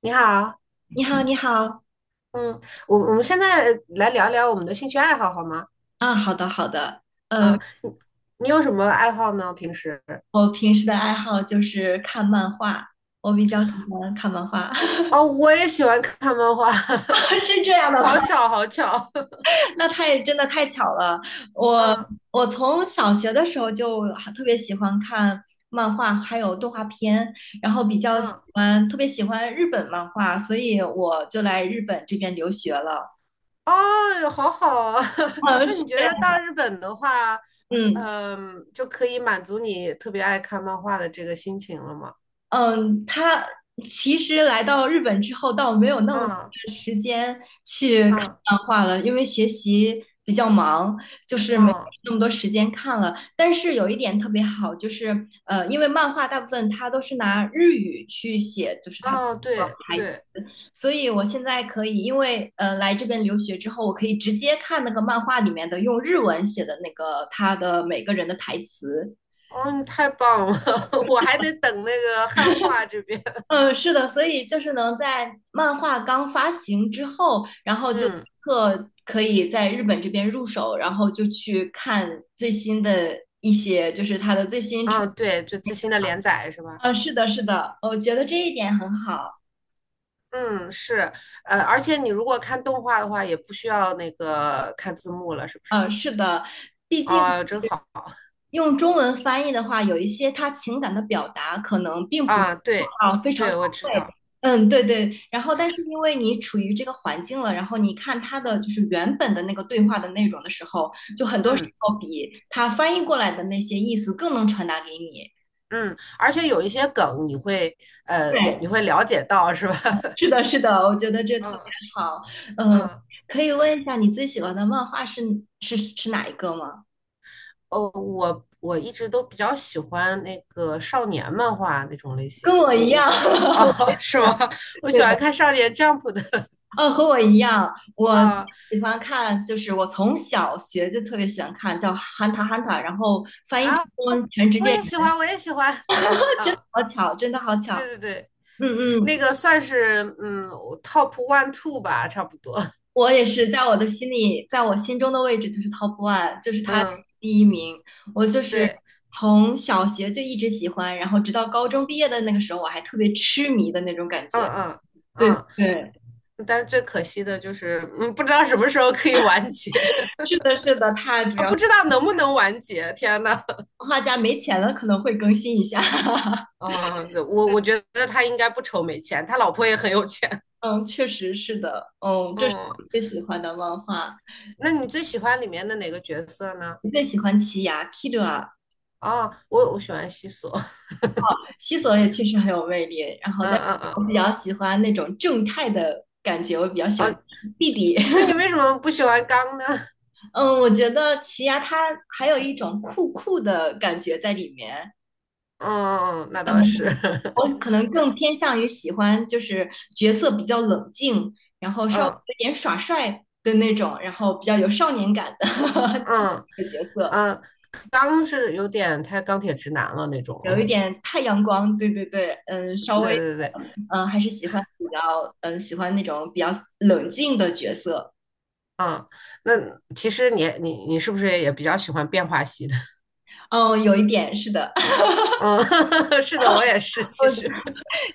你好。你好，你好嗯，我们现在来聊聊我们的兴趣爱好好吗？啊，好的，好的。呃，啊，你有什么爱好呢？平时？我平时的爱好就是看漫画，我比较喜欢看漫画。哦，我也喜欢看漫画。是这样的好吗？巧，好巧。那太真的太巧了。我嗯我从小学的时候就很特别喜欢看漫画，还有动画片，然后比较喜嗯。欢特别喜欢日本漫画，所以我就来日本这边留学了。哦，好好啊。嗯，那是，你觉得到日本的话，嗯。嗯，就可以满足你特别爱看漫画的这个心情了吗？嗯，他其实来到日本之后，倒没有那么多啊的时间去看啊漫画了，因为学习比较忙，就是没有啊那么多时间看了。但是有一点特别好，就是因为漫画大部分它都是拿日语去写，就是它，啊，对对。所以我现在可以，因为来这边留学之后，我可以直接看那个漫画里面的用日文写的那个他的每个人的台词。哦，你太棒了。我还得等那个汉化这边。嗯，是的，所以就是能在漫画刚发行之后，然 后就立嗯。刻可以在日本这边入手，然后就去看最新的一些，就是它的最新出。嗯，对，就最新的连载是吧？嗯，是的，是的，我觉得这一点很好。嗯，是。呃，而且你如果看动画的话，也不需要那个看字幕了，是不是？嗯，是的，毕竟啊，真好。用中文翻译的话，有一些他情感的表达可能并不啊！对。啊非常对，到我知位。道。嗯，对对。然后，但是因为你处于这个环境了，然后你看他的就是原本的那个对话的内容的时候，就很多时嗯候比他翻译过来的那些意思更能传达给你。嗯，而且有一些梗你会你对，会了解到是吧？是 的，是的，我觉得这特别嗯好。嗯，嗯。可以问一下你最喜欢的漫画是哪一个吗？哦，我一直都比较喜欢那个少年漫画那种类型，跟我我一样。我哦。 是吗？我喜对的。欢看少年 Jump 的。 哦，和我一样，我啊喜欢看，就是我从小学就特别喜欢看，叫《hunter 汉塔汉塔》，然后翻译成啊，中文《全职我猎也人》，喜欢，我也喜欢。真的啊。好巧，真的好巧。对对对，嗯嗯，那个算是嗯 top one two 吧，差不多。我也是在我的心里，在我心中的位置就是 top one，就是他嗯，第一名。我就是对。从小学就一直喜欢，然后直到高中毕业的那个时候，我还特别痴迷的那种感嗯觉。嗯对嗯。对，但最可惜的就是，嗯，不知道什么时候可以完结。 是的，是的，他主啊，要不知是道能不能完结。天呐。动画家没钱了，可能会更新一下。啊，我觉得他应该不愁没钱，他老婆也很有钱。嗯，确实是的，嗯，这是嗯，我最喜欢的漫画，那你最喜欢里面的哪个角色呢？我最喜欢奇牙 Kira，啊，我喜欢西索。西索也确实很有魅力，然后嗯但是嗯嗯。我比较喜欢那种正太的感觉，我比较喜啊，欢弟弟，那你 为什么不喜欢刚呢？嗯，我觉得奇牙他还有一种酷酷的感觉在里面，嗯，那可能倒是。我可能更偏向于喜欢就是角色比较冷静，然后稍微嗯。有点耍帅的那种，然后比较有少年感的 嗯。角色。嗯。刚是有点太钢铁直男了那种。有一点太阳光，对对对，嗯，对稍微，对对。嗯，还是喜欢比较，嗯，喜欢那种比较冷静的角色。嗯，那其实你是不是也比较喜欢变化系的？哦，有一点是的，嗯。是的，我也是，我其实。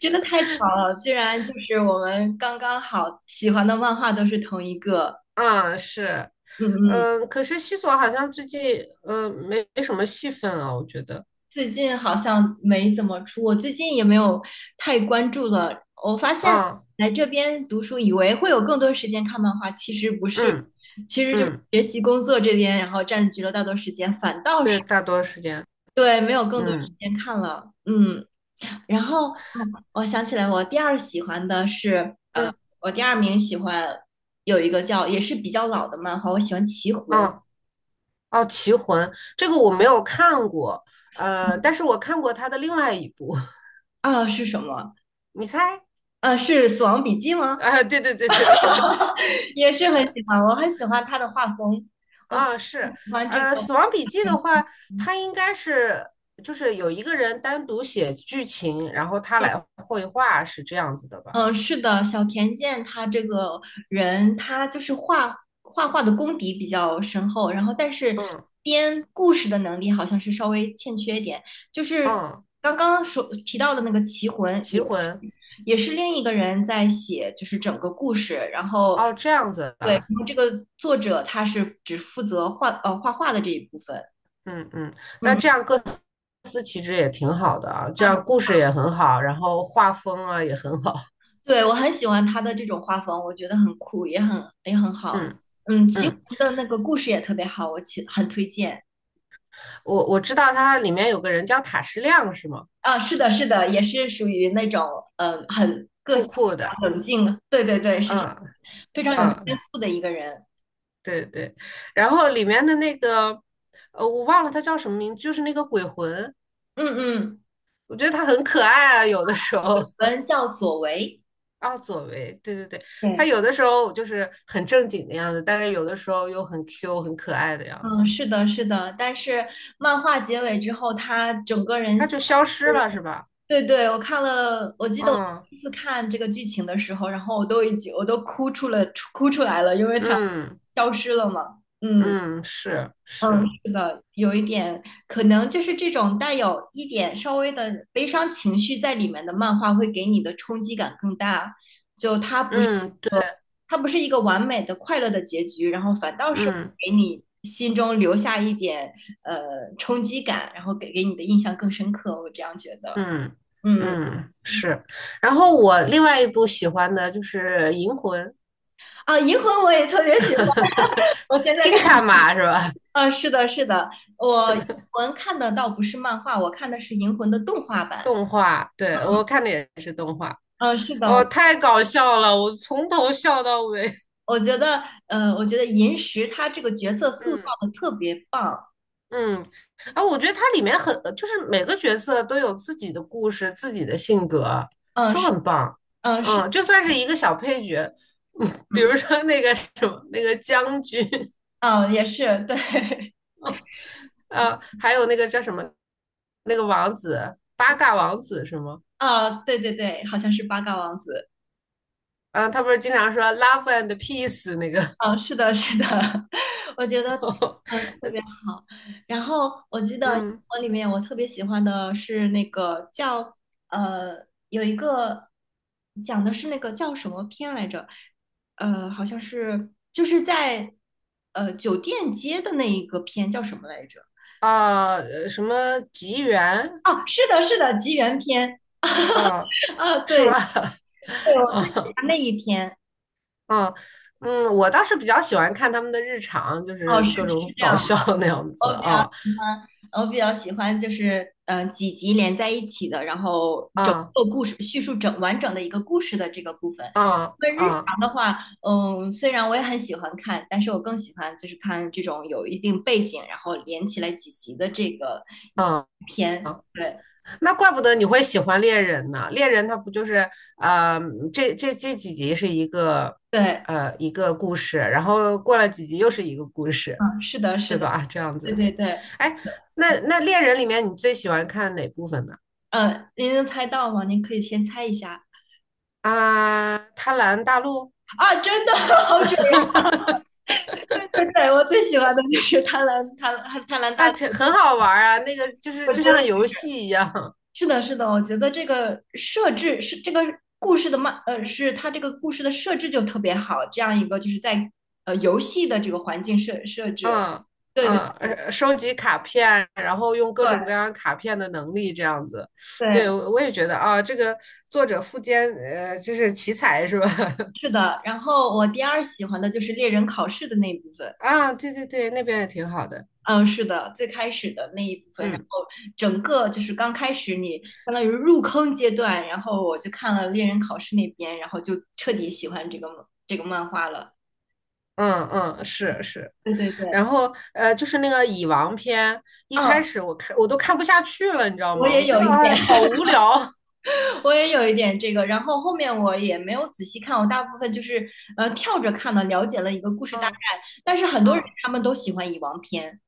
真的太巧了，居然就是我们刚刚好喜欢的漫画都是同一个。嗯，是。嗯嗯，嗯，可是西索好像最近，嗯，没什么戏份啊，我觉得。最近好像没怎么出，我最近也没有太关注了。我发现嗯来这边读书，以为会有更多时间看漫画，其实不是，嗯其实就是嗯。学习工作这边，然后占据了大多时间，反倒是。对，大多时间。对，没有更多时嗯间看了，嗯。然后，嗯我想起来，嗯我第二名喜欢有一个叫也是比较老的漫画，我喜欢《棋嗯。魂》哦。哦，《棋魂》这个我没有看过。呃，但是我看过他的另外一部。啊，是什么？你猜？是《死亡笔记》吗？啊，对对对对对。也是很喜欢，我很喜欢他的画风，我啊，喜是。欢这个，呃，《死亡笔记》的话，嗯它应该是就是有一个人单独写剧情，然后他来绘画，是这样子的吧？嗯，是的，小田健他这个人，他就是画画的功底比较深厚，然后但是嗯编故事的能力好像是稍微欠缺一点。就是嗯。刚刚所提到的那个《棋魂》棋也，魂。也是另一个人在写，就是整个故事。然后，哦，这样子对，的。然后这个作者他是只负责画画的这一部分。嗯嗯，那这嗯，样各司其职也挺好的啊，这样故事也很好，然后画风啊也很好。对，我很喜欢他的这种画风，我觉得很酷，也很好。嗯嗯，《棋魂》嗯，的那个故事也特别好，我很推荐。我知道它里面有个人叫塔矢亮是吗？啊，是的，是的，也是属于那种很酷酷的。冷静，对对对，是这嗯非常有天嗯。赋的一个人。对对，然后里面的那个，呃，我忘了他叫什么名字，就是那个鬼魂。嗯嗯，我觉得他很可爱啊，有的时候。人叫左为。啊，左为，对对对。他对，有的时候就是很正经的样子，但是有的时候又很 Q、很可爱的样子。嗯，是的，是的。但是漫画结尾之后，他整个人。他就消失了，是吧？对对，我看了，我记得我第嗯一次看这个剧情的时候，然后我都哭出来了，因为它嗯消失了嘛。嗯嗯，是嗯，是。是的，有一点可能就是这种带有一点稍微的悲伤情绪在里面的漫画，会给你的冲击感更大。就它嗯，对。它不是一个完美的快乐的结局，然后反倒是嗯给你心中留下一点呃冲击感，然后给你的印象更深刻。我这样觉得，嗯嗯。嗯，是。然后我另外一部喜欢的就是《银魂》。啊，银魂我也特别喜欢，我现 在看。，Gintama 是吧？啊，是的，是的，我银魂看的倒不是漫画，我看的是银魂的动画版。动画，对，我看的也是动画。嗯，是的，哦，太搞笑了，我从头笑到尾。我觉得银石他这个角色塑造嗯的特别棒。嗯。啊，我觉得它里面很，就是每个角色都有自己的故事、自己的性格，嗯，都是，很棒。嗯，是，嗯，就算是一个小配角。比嗯，如说那个什么，那个将军，啊，也是，对，啊，还有那个叫什么，那个王子，八嘎王子是吗？啊，对对对，好像是八嘎王子。嗯，他不是经常说 "love and peace" 那个。嗯，是的，是的，我觉得 特别好。然后我记得英嗯。文里面我特别喜欢的是那个叫呃有一个讲的是那个叫什么片来着？好像是就是在酒店街的那一个片叫什么来着？啊，什么吉原。哦，是的，是的，吉原篇。嗯，啊，是对吧？对，我最喜嗯欢那一篇。嗯嗯，我倒是比较喜欢看他们的日常，就哦，是是各是种这搞样。笑 那样子我比较啊。喜欢，我比较喜欢就是几集连在一起的，然后整啊个故事叙述完整的一个故事的这个部分。啊因为日啊常的话，嗯，虽然我也很喜欢看，但是我更喜欢就是看这种有一定背景，然后连起来几集的这个啊！片。啊，对那怪不得你会喜欢猎人呢。猎人他不就是啊，这几集是一个对，一个故事，然后过了几集又是一个故事，嗯，是的，是对的，吧？这样对子。对对，哎，那猎人里面你最喜欢看哪部分呢？嗯，您能猜到吗？您可以先猜一下。啊，贪婪大陆。啊，真的 好准！对对对，我最喜欢的就是《贪婪贪婪贪婪那大》，挺很好玩儿啊，那个就是就像游戏一样。是的，是的，我觉得这个设置是这个故事的是它这个故事的设置就特别好，这样一个就是在游戏的这个环境设置，嗯对对嗯。对呃，收集卡片，然后用各对种各样卡片的能力这样子。对，对，我也觉得啊，这个作者富坚，呃，就是奇才是吧？是的。然后我第二喜欢的就是猎人考试的那一部分，啊，对对对，那边也挺好的。嗯，是的，最开始的那一部分，然嗯。后整个就是刚开始你相当于入坑阶段，然后我就看了猎人考试那边，然后就彻底喜欢这个漫画了。嗯嗯，是是。对对对，然后呃，就是那个蚁王篇，一开嗯，始我看我都看不下去了，你知道我吗？我也觉有得一哎，点。好无聊。我也有一点这个，然后后面我也没有仔细看，我大部分就是跳着看的，了解了一个故 事大概。嗯但是很多人嗯。他们都喜欢蚁王篇，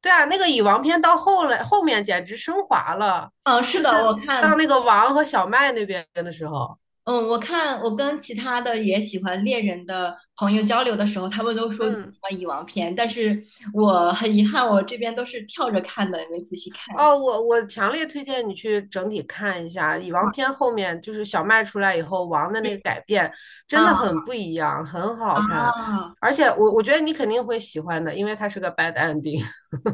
对啊，那个蚁王篇到后来后面简直升华了，嗯、是就的，是到那个王和小麦那边的时候。我看我跟其他的也喜欢猎人的朋友交流的时候，他们都说喜嗯。欢蚁王篇，但是我很遗憾，我这边都是跳着看的，也没仔细看。哦，我强烈推荐你去整体看一下蚁王篇后面，就是小麦出来以后王的那个改变，真啊的很不一样，很好啊，看。啊！而且我觉得你肯定会喜欢的，因为它是个 bad ending。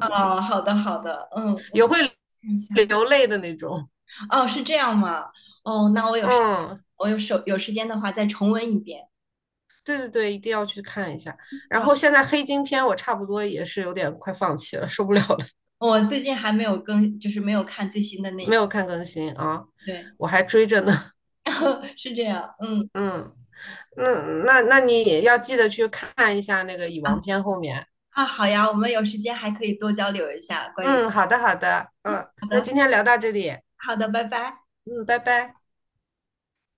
哦好的好的，嗯，我也会看一下。流泪的那种。哦，是这样吗？哦，那我有时嗯。我有手有时间的话再重温一遍。对对对，一定要去看一下。然好，后现在黑金篇我差不多也是有点快放弃了，受不了了。我最近还没有更，就是没有看最新的那一没部。有看更新啊，对，我还追着呢。是这样。嗯 嗯。那那你也要记得去看一下那个蚁啊王篇后面。啊，好呀，我们有时间还可以多交流一下关于。嗯，好的好的。嗯，好那的，今天聊到这里。好的，拜拜。嗯，拜拜。